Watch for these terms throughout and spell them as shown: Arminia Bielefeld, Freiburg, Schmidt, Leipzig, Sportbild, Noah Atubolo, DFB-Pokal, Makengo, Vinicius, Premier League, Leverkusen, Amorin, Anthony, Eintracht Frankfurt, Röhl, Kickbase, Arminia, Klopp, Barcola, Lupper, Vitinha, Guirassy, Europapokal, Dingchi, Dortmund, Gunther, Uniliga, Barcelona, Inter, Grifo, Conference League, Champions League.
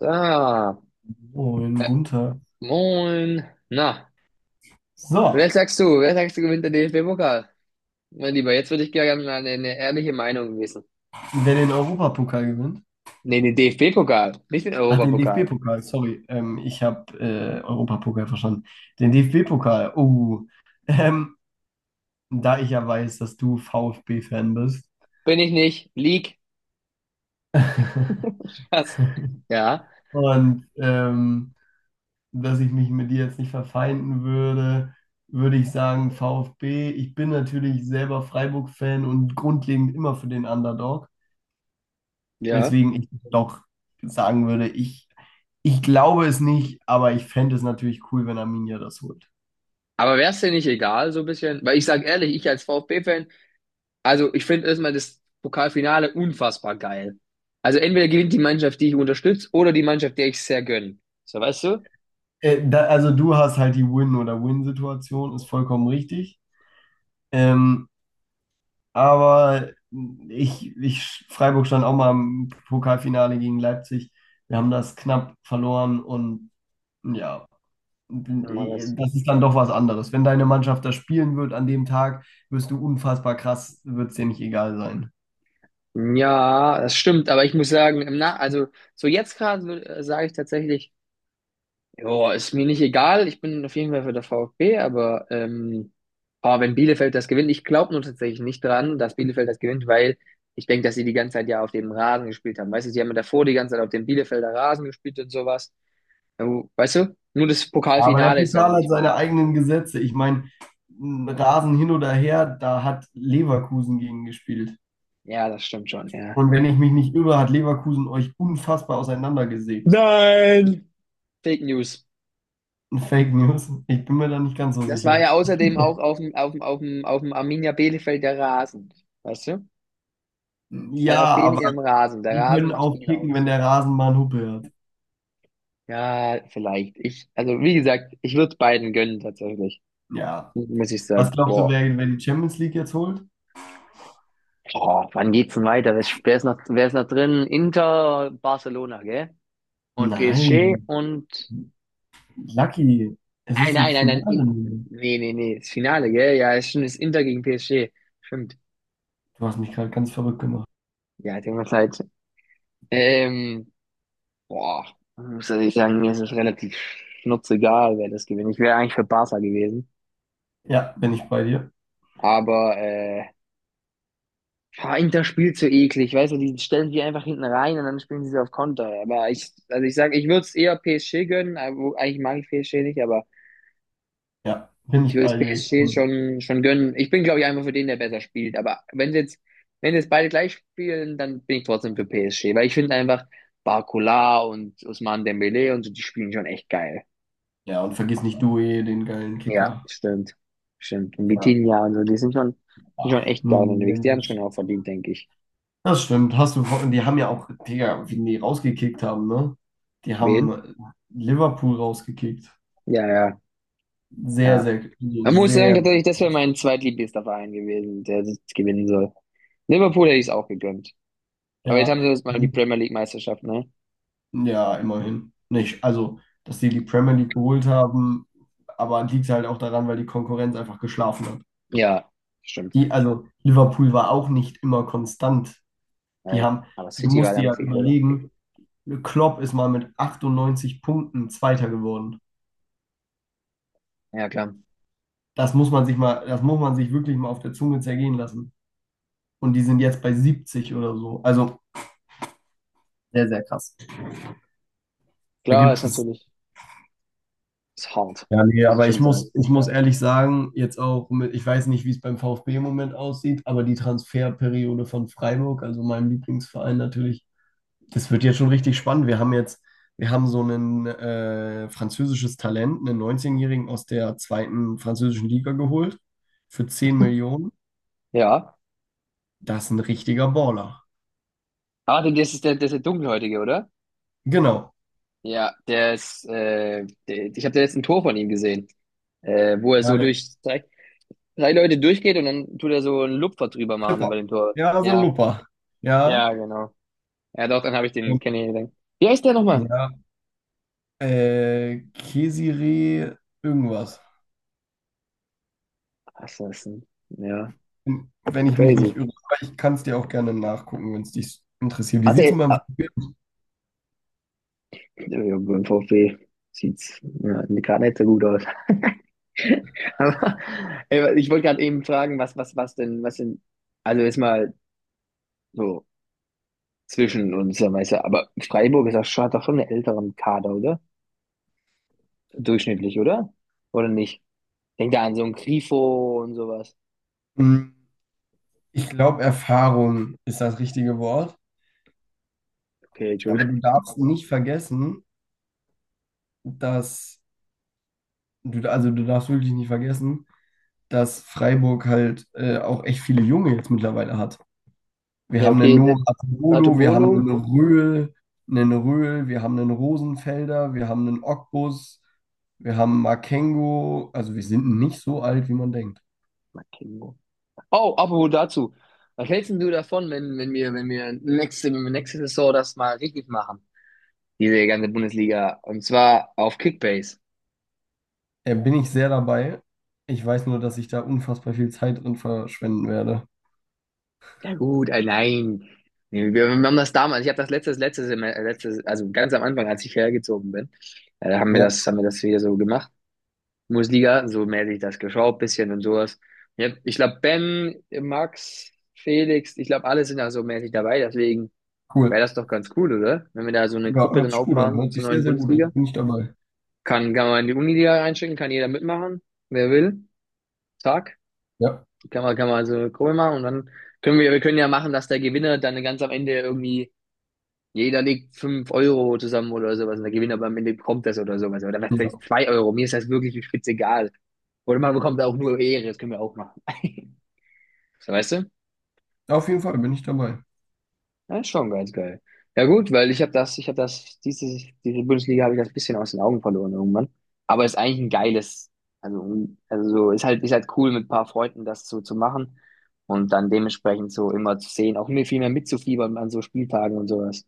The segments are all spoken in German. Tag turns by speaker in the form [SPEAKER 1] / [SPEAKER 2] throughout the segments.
[SPEAKER 1] Ah,
[SPEAKER 2] Moin, Gunther.
[SPEAKER 1] moin. Na,
[SPEAKER 2] So,
[SPEAKER 1] wer sagst du? Wer sagst du gewinnt den DFB-Pokal? Mein Lieber, jetzt würde ich gerne mal eine ehrliche Meinung wissen.
[SPEAKER 2] wer den Europapokal gewinnt,
[SPEAKER 1] Nee, den DFB-Pokal, nicht den
[SPEAKER 2] ach, den
[SPEAKER 1] Europapokal.
[SPEAKER 2] DFB-Pokal, sorry, ich habe Europapokal verstanden. Den DFB-Pokal, oh, ähm, da ich ja weiß, dass du VfB-Fan bist
[SPEAKER 1] Bin ich nicht. League. Was? Ja,
[SPEAKER 2] und dass ich mich mit dir jetzt nicht verfeinden würde, würde ich sagen VfB. Ich bin natürlich selber Freiburg-Fan und grundlegend immer für den Underdog.
[SPEAKER 1] ja.
[SPEAKER 2] Weswegen ich doch sagen würde, ich glaube es nicht, aber ich fände es natürlich cool, wenn Arminia das holt.
[SPEAKER 1] Aber wäre es dir nicht egal, so ein bisschen? Weil ich sag ehrlich, ich als VfB-Fan, also ich finde erstmal das Pokalfinale unfassbar geil. Also entweder gewinnt die Mannschaft, die ich unterstütze, oder die Mannschaft, der ich sehr gönne. So, weißt du?
[SPEAKER 2] Da, also du hast halt die Win- oder Win-Situation, ist vollkommen richtig. Ähm, aber Freiburg stand auch mal im Pokalfinale gegen Leipzig. Wir haben das knapp verloren und ja,
[SPEAKER 1] Ja,
[SPEAKER 2] das ist dann doch was anderes. Wenn deine Mannschaft das spielen wird an dem Tag, wirst du unfassbar krass, wird es dir nicht egal sein.
[SPEAKER 1] ja, das stimmt, aber ich muss sagen, im na also so jetzt gerade sage ich tatsächlich, ja, ist mir nicht egal, ich bin auf jeden Fall für der VfB, aber boah, wenn Bielefeld das gewinnt. Ich glaube nur tatsächlich nicht dran, dass Bielefeld das gewinnt, weil ich denke, dass sie die ganze Zeit ja auf dem Rasen gespielt haben. Weißt du, sie haben ja davor die ganze Zeit auf dem Bielefelder Rasen gespielt und sowas. Ja, weißt du? Nur das
[SPEAKER 2] Aber der
[SPEAKER 1] Pokalfinale ist ja dann
[SPEAKER 2] Pokal hat
[SPEAKER 1] nicht mehr
[SPEAKER 2] seine
[SPEAKER 1] da.
[SPEAKER 2] eigenen Gesetze. Ich meine, Rasen hin oder her, da hat Leverkusen gegen gespielt.
[SPEAKER 1] Ja, das stimmt schon, ja.
[SPEAKER 2] Und wenn ich mich nicht irre, hat Leverkusen euch unfassbar auseinandergesägt.
[SPEAKER 1] Nein! Fake News.
[SPEAKER 2] Fake News. Ich bin mir da nicht ganz so
[SPEAKER 1] Das war
[SPEAKER 2] sicher.
[SPEAKER 1] ja außerdem auch auf dem Arminia Bielefeld der Rasen. Weißt du? Das war ja auf
[SPEAKER 2] Ja,
[SPEAKER 1] denen
[SPEAKER 2] aber
[SPEAKER 1] ihrem Rasen. Der
[SPEAKER 2] die
[SPEAKER 1] Rasen
[SPEAKER 2] können
[SPEAKER 1] macht
[SPEAKER 2] auch
[SPEAKER 1] viel
[SPEAKER 2] kicken, wenn
[SPEAKER 1] aus.
[SPEAKER 2] der Rasen mal einen Huppe hat.
[SPEAKER 1] Ja, vielleicht. Ich, also wie gesagt, ich würde beiden gönnen tatsächlich.
[SPEAKER 2] Ja.
[SPEAKER 1] Muss ich
[SPEAKER 2] Was
[SPEAKER 1] sagen.
[SPEAKER 2] glaubst du,
[SPEAKER 1] Boah.
[SPEAKER 2] wer die Champions League jetzt holt?
[SPEAKER 1] Boah, wann geht's denn weiter? Wer ist noch drin? Inter, Barcelona, gell? Und PSG
[SPEAKER 2] Nein.
[SPEAKER 1] und
[SPEAKER 2] Lucky, es
[SPEAKER 1] nein,
[SPEAKER 2] ist ein
[SPEAKER 1] nein, nein, nein.
[SPEAKER 2] Finale.
[SPEAKER 1] Nee, nee, nee. Das Finale, gell? Ja, ist schon das Inter gegen PSG. Stimmt.
[SPEAKER 2] Du hast mich gerade ganz verrückt gemacht.
[SPEAKER 1] Ja, tut mir leid. Ähm, Boah, ich muss ich sagen, mir ist es relativ schnurzegal, wer das gewinnt. Ich wäre eigentlich für Barca gewesen.
[SPEAKER 2] Ja, bin ich bei dir.
[SPEAKER 1] Aber boah, Inter spielt so eklig, weißt du, die stellen die einfach hinten rein und dann spielen sie so auf Konter. Aber ich, also ich sag ich würde es eher PSG gönnen, aber eigentlich mag ich PSG nicht, aber
[SPEAKER 2] Ja, bin
[SPEAKER 1] ich
[SPEAKER 2] ich
[SPEAKER 1] würde es
[SPEAKER 2] bei dir.
[SPEAKER 1] PSG schon gönnen. Ich bin, glaube ich, einfach für den, der besser spielt. Aber wenn sie jetzt, wenn jetzt beide gleich spielen, dann bin ich trotzdem für PSG, weil ich finde einfach Barcola und Ousmane Dembélé und so, die spielen schon echt geil.
[SPEAKER 2] Ja, und vergiss nicht Due, den geilen
[SPEAKER 1] Ja,
[SPEAKER 2] Kicker.
[SPEAKER 1] stimmt. Stimmt. Und
[SPEAKER 2] Ja,
[SPEAKER 1] Vitinha und so, die sind schon
[SPEAKER 2] ach,
[SPEAKER 1] echt
[SPEAKER 2] nun,
[SPEAKER 1] geil unterwegs. Die haben schon
[SPEAKER 2] Mensch.
[SPEAKER 1] auch verdient, denke ich.
[SPEAKER 2] Das stimmt. Hast du, die haben ja auch, Digga, wie die rausgekickt haben, ne? Die haben
[SPEAKER 1] Wen?
[SPEAKER 2] Liverpool rausgekickt.
[SPEAKER 1] Ja, ja,
[SPEAKER 2] Sehr,
[SPEAKER 1] ja.
[SPEAKER 2] sehr, also
[SPEAKER 1] Man muss sagen,
[SPEAKER 2] sehr,
[SPEAKER 1] tatsächlich, das wäre mein zweitliebster Verein gewesen, der das gewinnen soll. Liverpool hätte ich es auch gegönnt. Aber jetzt
[SPEAKER 2] ja.
[SPEAKER 1] haben sie jetzt mal die Premier League Meisterschaft, ne?
[SPEAKER 2] Ja, immerhin. Nicht, also, dass die die Premier League geholt haben, aber liegt halt auch daran, weil die Konkurrenz einfach geschlafen hat.
[SPEAKER 1] Ja, stimmt.
[SPEAKER 2] Die, also, Liverpool war auch nicht immer konstant. Die
[SPEAKER 1] Naja,
[SPEAKER 2] haben,
[SPEAKER 1] aber
[SPEAKER 2] du
[SPEAKER 1] City war
[SPEAKER 2] musst
[SPEAKER 1] da
[SPEAKER 2] dir
[SPEAKER 1] einfach
[SPEAKER 2] ja
[SPEAKER 1] viel schlechter.
[SPEAKER 2] überlegen, Klopp ist mal mit 98 Punkten Zweiter geworden.
[SPEAKER 1] Ja, klar.
[SPEAKER 2] Das muss man sich mal, das muss man sich wirklich mal auf der Zunge zergehen lassen. Und die sind jetzt bei 70 oder so. Also sehr, sehr krass. Da
[SPEAKER 1] Klar, ist
[SPEAKER 2] gibt es.
[SPEAKER 1] natürlich, ist hart,
[SPEAKER 2] Ja, nee,
[SPEAKER 1] muss ich
[SPEAKER 2] aber ich
[SPEAKER 1] schon sagen.
[SPEAKER 2] muss, ich muss ehrlich sagen, jetzt auch mit, ich weiß nicht, wie es beim VfB im Moment aussieht, aber die Transferperiode von Freiburg, also meinem Lieblingsverein natürlich. Das wird jetzt schon richtig spannend. Wir haben jetzt, wir haben so ein französisches Talent, einen 19-Jährigen aus der zweiten französischen Liga geholt für 10 Millionen.
[SPEAKER 1] Ja.
[SPEAKER 2] Das ist ein richtiger Baller.
[SPEAKER 1] Ah, das ist der Dunkelhäutige, oder?
[SPEAKER 2] Genau.
[SPEAKER 1] Ja, der ist, der, ich habe da jetzt ein Tor von ihm gesehen. Wo er
[SPEAKER 2] Ja,
[SPEAKER 1] so
[SPEAKER 2] der
[SPEAKER 1] durch drei Leute durchgeht und dann tut er so einen Lupfer drüber machen über
[SPEAKER 2] Chipper.
[SPEAKER 1] den Torwart.
[SPEAKER 2] Ja, so ein
[SPEAKER 1] Ja,
[SPEAKER 2] Lupper. Ja.
[SPEAKER 1] ja, genau. Ja, doch, dann habe ich den
[SPEAKER 2] Und,
[SPEAKER 1] kennengelernt. Wie heißt der nochmal?
[SPEAKER 2] ja. Kesire irgendwas.
[SPEAKER 1] Assassin. Ja,
[SPEAKER 2] Wenn ich mich
[SPEAKER 1] crazy.
[SPEAKER 2] nicht irre. Aber ich kann es dir auch gerne nachgucken, wenn es dich interessiert. Wie sieht es
[SPEAKER 1] Hatte,
[SPEAKER 2] beim.
[SPEAKER 1] ah, ja, beim VfB sieht's ja, gerade nicht so gut aus. Aber ich wollte gerade eben fragen, was denn, also ist mal so zwischen uns, ja, weißt du, aber Freiburg ist auch schon, hat doch schon einen älteren Kader, oder? Durchschnittlich, oder? Oder nicht? Denk da an so ein Grifo und sowas.
[SPEAKER 2] Hm, Ich glaube, Erfahrung ist das richtige Wort.
[SPEAKER 1] Okay,
[SPEAKER 2] Aber
[SPEAKER 1] Entschuldigung.
[SPEAKER 2] du darfst nicht vergessen, dass du, also du darfst wirklich nicht vergessen, dass Freiburg halt auch echt viele Junge jetzt mittlerweile hat. Wir
[SPEAKER 1] Ja,
[SPEAKER 2] haben einen
[SPEAKER 1] okay, das
[SPEAKER 2] Noah Atubolo, wir haben
[SPEAKER 1] Artobolo.
[SPEAKER 2] einen Röhl, wir haben einen Rosenfelder, wir haben einen Ogbus, wir haben Makengo. Also wir sind nicht so alt, wie man denkt.
[SPEAKER 1] Makemo. Oh, apropos dazu. Was hältst denn du davon, wenn wir nächste Saison das mal richtig machen? Diese ganze Bundesliga. Und zwar auf Kickbase.
[SPEAKER 2] Bin ich sehr dabei. Ich weiß nur, dass ich da unfassbar viel Zeit drin verschwenden werde.
[SPEAKER 1] Ja gut, nein. Nee, wir haben das damals, ich habe das letztes, also ganz am Anfang, als ich hergezogen bin, haben wir
[SPEAKER 2] Ja,
[SPEAKER 1] das, haben wir das wieder so gemacht. Bundesliga, so mäßig das geschaut, bisschen und sowas. Ich glaube, Ben, Max, Felix, ich glaube, alle sind da so mäßig dabei, deswegen wäre
[SPEAKER 2] cool.
[SPEAKER 1] das doch ganz cool, oder? Wenn wir da so eine
[SPEAKER 2] Ja,
[SPEAKER 1] Gruppe
[SPEAKER 2] hört
[SPEAKER 1] dann
[SPEAKER 2] sich gut an.
[SPEAKER 1] aufmachen
[SPEAKER 2] Hört
[SPEAKER 1] zur
[SPEAKER 2] sich sehr,
[SPEAKER 1] neuen
[SPEAKER 2] sehr gut an.
[SPEAKER 1] Bundesliga.
[SPEAKER 2] Bin ich dabei.
[SPEAKER 1] Kann man in die Uniliga einschicken, kann jeder mitmachen, wer will. Zack.
[SPEAKER 2] Ja.
[SPEAKER 1] Kann man so eine Gruppe machen und dann wir können ja machen, dass der Gewinner dann ganz am Ende irgendwie. Jeder legt 5 € zusammen oder sowas und der Gewinner am Ende bekommt das oder sowas. Oder was heißt 2 Euro? Mir ist das wirklich spitzegal. Oder man bekommt auch nur Ehre, das können wir auch machen. So, weißt du?
[SPEAKER 2] Auf jeden Fall bin ich dabei.
[SPEAKER 1] Das ist schon ganz geil. Ja gut, weil ich habe das, diese Bundesliga habe ich das ein bisschen aus den Augen verloren irgendwann. Aber ist eigentlich ein geiles, also, also so, ist halt cool mit ein paar Freunden das so zu machen und dann dementsprechend so immer zu sehen, auch mir viel mehr mitzufiebern an so Spieltagen und sowas.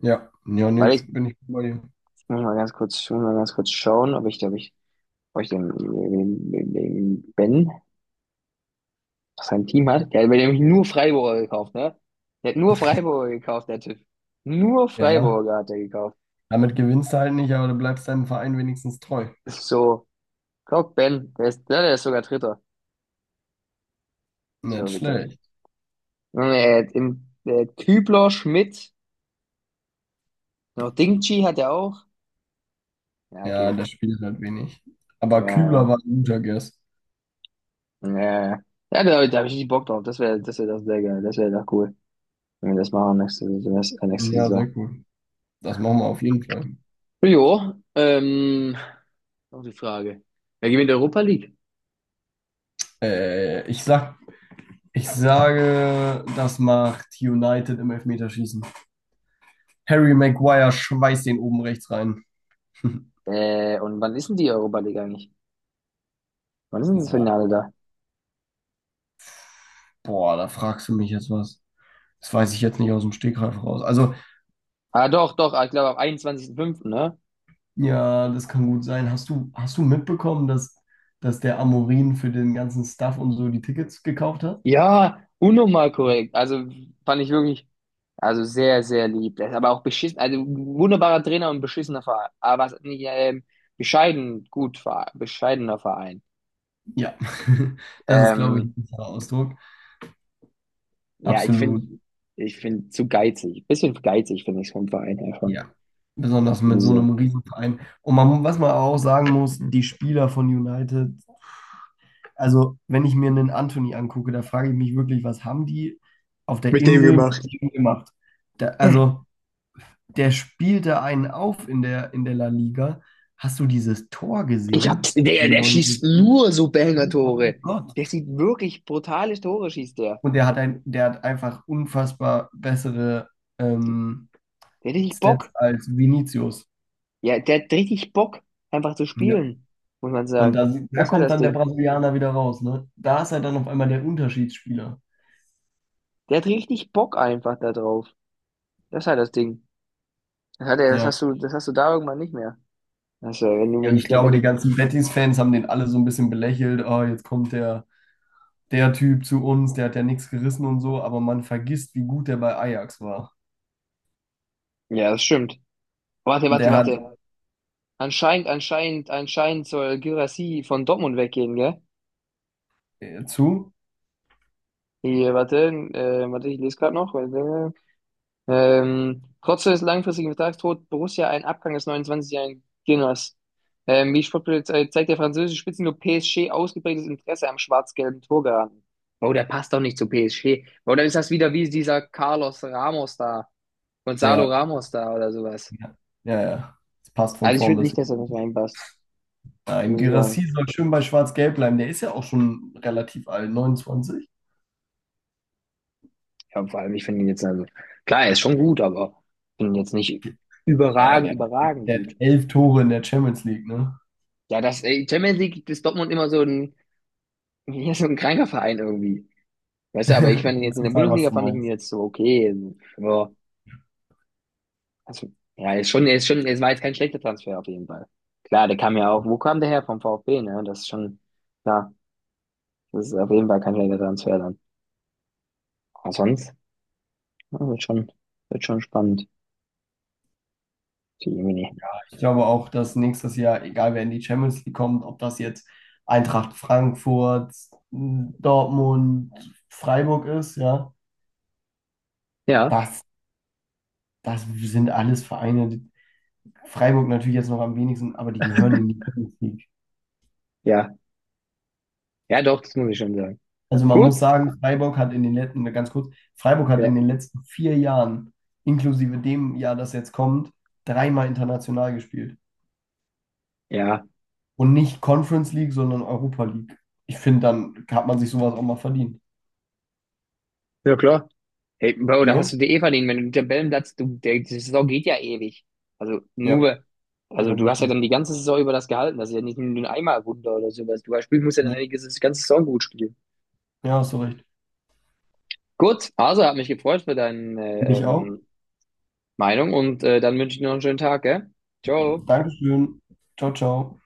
[SPEAKER 2] Ja, ja, nee,
[SPEAKER 1] Weil ich,
[SPEAKER 2] bin ich bei dir.
[SPEAKER 1] ich muss mal ganz kurz, ich muss mal ganz kurz schauen, ob ich, hab ich den Ben, was sein Team hat, der hat mir nämlich nur Freiburger gekauft, ne? Der hat nur Freiburger gekauft, der Typ. Nur
[SPEAKER 2] Ja,
[SPEAKER 1] Freiburger hat er gekauft.
[SPEAKER 2] damit gewinnst du halt nicht, aber du bleibst deinem Verein wenigstens treu.
[SPEAKER 1] Das ist so, guck, Ben, der ist sogar Dritter.
[SPEAKER 2] Nicht
[SPEAKER 1] So witzig.
[SPEAKER 2] schlecht.
[SPEAKER 1] Und er hat im, der hat Kübler, Schmidt, noch Dingchi hat er auch. Ja,
[SPEAKER 2] Ja,
[SPEAKER 1] okay.
[SPEAKER 2] das spielt halt wenig. Aber
[SPEAKER 1] Ja,
[SPEAKER 2] Kübler war ein guter Guess.
[SPEAKER 1] ja, ja, ja. Ja, da habe ich nicht Bock drauf. Das wäre das sehr geil. Das wäre doch cool, wenn wir das machen nächste, nächste
[SPEAKER 2] Ja, sehr
[SPEAKER 1] Saison.
[SPEAKER 2] cool. Das machen wir auf jeden Fall.
[SPEAKER 1] Jo, noch die Frage. Wer gewinnt die Europa League?
[SPEAKER 2] Äh, ich sag, ich sage, das macht United im Elfmeterschießen. Harry Maguire schweißt den oben rechts rein.
[SPEAKER 1] Und wann ist denn die Europa League eigentlich? Wann ist denn das Finale
[SPEAKER 2] Boah,
[SPEAKER 1] da?
[SPEAKER 2] boah, da fragst du mich jetzt was. Das weiß ich jetzt nicht aus dem Stegreif raus. Also
[SPEAKER 1] Ah, doch, doch, ich glaube am 21.05., ne?
[SPEAKER 2] ja, das kann gut sein. Hast du mitbekommen, dass der Amorin für den ganzen Stuff und so die Tickets gekauft hat?
[SPEAKER 1] Ja, unnormal korrekt. Also fand ich wirklich, also sehr, sehr lieb. Das ist aber auch beschissen, also wunderbarer Trainer und beschissener Verein. Aber was nicht, bescheiden, gut, bescheidener Verein.
[SPEAKER 2] Ja, das ist, glaube ich, ein
[SPEAKER 1] Ähm,
[SPEAKER 2] besserer Ausdruck.
[SPEAKER 1] ja, ich finde,
[SPEAKER 2] Absolut,
[SPEAKER 1] ich finde zu geizig. Bisschen geizig finde ich vom Verein her schon.
[SPEAKER 2] ja. Besonders mit
[SPEAKER 1] Muss ich
[SPEAKER 2] so einem
[SPEAKER 1] sagen.
[SPEAKER 2] Riesenverein. Und man, was man auch sagen muss, die Spieler von United, also wenn ich mir einen Anthony angucke, da frage ich mich wirklich, was haben die auf der
[SPEAKER 1] Mit dem
[SPEAKER 2] Insel mit
[SPEAKER 1] gemacht.
[SPEAKER 2] ihm gemacht? Da, also der spielt da einen auf in der La Liga. Hast du dieses Tor
[SPEAKER 1] Ich hab,
[SPEAKER 2] gesehen? In
[SPEAKER 1] der,
[SPEAKER 2] der
[SPEAKER 1] der schießt
[SPEAKER 2] 90.
[SPEAKER 1] nur so
[SPEAKER 2] Oh mein
[SPEAKER 1] Banger-Tore.
[SPEAKER 2] Gott.
[SPEAKER 1] Der sieht wirklich brutale Tore, schießt der.
[SPEAKER 2] Und der hat einfach unfassbar bessere ähm,
[SPEAKER 1] Der hat richtig Bock.
[SPEAKER 2] Stats als Vinicius.
[SPEAKER 1] Ja, der hat richtig Bock, einfach zu
[SPEAKER 2] Ja.
[SPEAKER 1] spielen, muss man
[SPEAKER 2] Und
[SPEAKER 1] sagen.
[SPEAKER 2] da, da
[SPEAKER 1] Das ist halt
[SPEAKER 2] kommt
[SPEAKER 1] das
[SPEAKER 2] dann der
[SPEAKER 1] Ding.
[SPEAKER 2] Brasilianer wieder raus, ne? Da ist er dann auf einmal der Unterschiedsspieler.
[SPEAKER 1] Der hat richtig Bock einfach da drauf. Das ist halt das Ding. Das hat er, das
[SPEAKER 2] Ja.
[SPEAKER 1] hast du, das hast du da irgendwann nicht mehr. Also, wenn du,
[SPEAKER 2] Ja, und
[SPEAKER 1] wenn, ich
[SPEAKER 2] ich
[SPEAKER 1] glaube,
[SPEAKER 2] glaube,
[SPEAKER 1] wenn
[SPEAKER 2] die
[SPEAKER 1] du,
[SPEAKER 2] ganzen Betis-Fans haben den alle so ein bisschen belächelt. Oh, jetzt kommt der Typ zu uns, der hat ja nichts gerissen und so, aber man vergisst, wie gut der bei Ajax war.
[SPEAKER 1] ja, das stimmt. Warte, warte,
[SPEAKER 2] Der hat.
[SPEAKER 1] warte. Anscheinend soll Guirassy von Dortmund weggehen, gell?
[SPEAKER 2] Zu?
[SPEAKER 1] Hier, warte, warte, ich lese gerade noch. Warte. Trotz des langfristigen Vertragstod Borussia einen Abgang des 29-jährigen Gunners. Wie Sportbild zeigt der französische Spitzenklub PSG ausgeprägtes Interesse am schwarz-gelben Torgarten. Oh, der passt doch nicht zu PSG. Oder ist das wieder wie dieser Carlos Ramos da, Gonzalo
[SPEAKER 2] Ja,
[SPEAKER 1] Ramos da oder sowas?
[SPEAKER 2] ja, ja, ja. Das passt von
[SPEAKER 1] Also ich
[SPEAKER 2] vorn
[SPEAKER 1] finde
[SPEAKER 2] bis
[SPEAKER 1] nicht, dass er
[SPEAKER 2] hinten.
[SPEAKER 1] nicht reinpasst,
[SPEAKER 2] Nein,
[SPEAKER 1] muss ich sagen.
[SPEAKER 2] Guirassy soll schön bei Schwarz-Gelb bleiben. Der ist ja auch schon relativ alt, 29.
[SPEAKER 1] Ja, vor allem, ich finde ihn jetzt, also, klar, er ist schon gut, aber ich finde ihn jetzt nicht
[SPEAKER 2] Naja,
[SPEAKER 1] überragend,
[SPEAKER 2] der,
[SPEAKER 1] überragend
[SPEAKER 2] der
[SPEAKER 1] gut.
[SPEAKER 2] hat 11 Tore in der Champions League, ne?
[SPEAKER 1] Ja, das Champions League ist Dortmund immer so ein, ja, so ein kranker Verein irgendwie. Weißt du, aber ich fand
[SPEAKER 2] Ich
[SPEAKER 1] ihn jetzt
[SPEAKER 2] weiß
[SPEAKER 1] in der
[SPEAKER 2] total, was
[SPEAKER 1] Bundesliga,
[SPEAKER 2] du
[SPEAKER 1] fand ich ihn
[SPEAKER 2] meinst.
[SPEAKER 1] jetzt so okay. Ja, also, ja, es war jetzt kein schlechter Transfer auf jeden Fall. Klar, der kam ja auch, wo kam der her? Vom VfB, ne? Das ist schon, ja, das ist auf jeden Fall kein schlechter Transfer dann. Aber sonst, ja, wird schon spannend. Die Jemine.
[SPEAKER 2] Ich glaube auch, dass nächstes Jahr, egal wer in die Champions League kommt, ob das jetzt Eintracht Frankfurt, Dortmund, Freiburg ist, ja,
[SPEAKER 1] Ja,
[SPEAKER 2] das, das sind alles Vereine. Freiburg natürlich jetzt noch am wenigsten, aber die gehören in die Champions League.
[SPEAKER 1] ja, ja, doch, das muss ich schon sagen.
[SPEAKER 2] Also man
[SPEAKER 1] Gut,
[SPEAKER 2] muss sagen, Freiburg hat in den letzten, ganz kurz, Freiburg hat in den
[SPEAKER 1] ja,
[SPEAKER 2] letzten 4 Jahren, inklusive dem Jahr, das jetzt kommt, dreimal international gespielt.
[SPEAKER 1] ja,
[SPEAKER 2] Und nicht Conference League, sondern Europa League. Ich finde, dann hat man sich sowas auch mal verdient.
[SPEAKER 1] ja, klar. Hey, Bro,
[SPEAKER 2] Ne?
[SPEAKER 1] da hast du dir eh verdient. Wenn du den Tabellenplatz, du, der, die Saison geht ja ewig. Also
[SPEAKER 2] Ja,
[SPEAKER 1] nur, also
[SPEAKER 2] vollkommen
[SPEAKER 1] du hast ja
[SPEAKER 2] richtig.
[SPEAKER 1] dann die ganze Saison über das gehalten. Das ist ja nicht nur ein Einmalwunder oder sowas. Du spielst, musst ja dann
[SPEAKER 2] Ja,
[SPEAKER 1] eigentlich die ganze Saison gut spielen.
[SPEAKER 2] ja, hast du recht.
[SPEAKER 1] Gut, also hat mich gefreut für deine
[SPEAKER 2] Mich auch.
[SPEAKER 1] Meinung und dann wünsche ich dir noch einen schönen Tag, gell? Ciao.
[SPEAKER 2] Dankeschön. Ciao, ciao.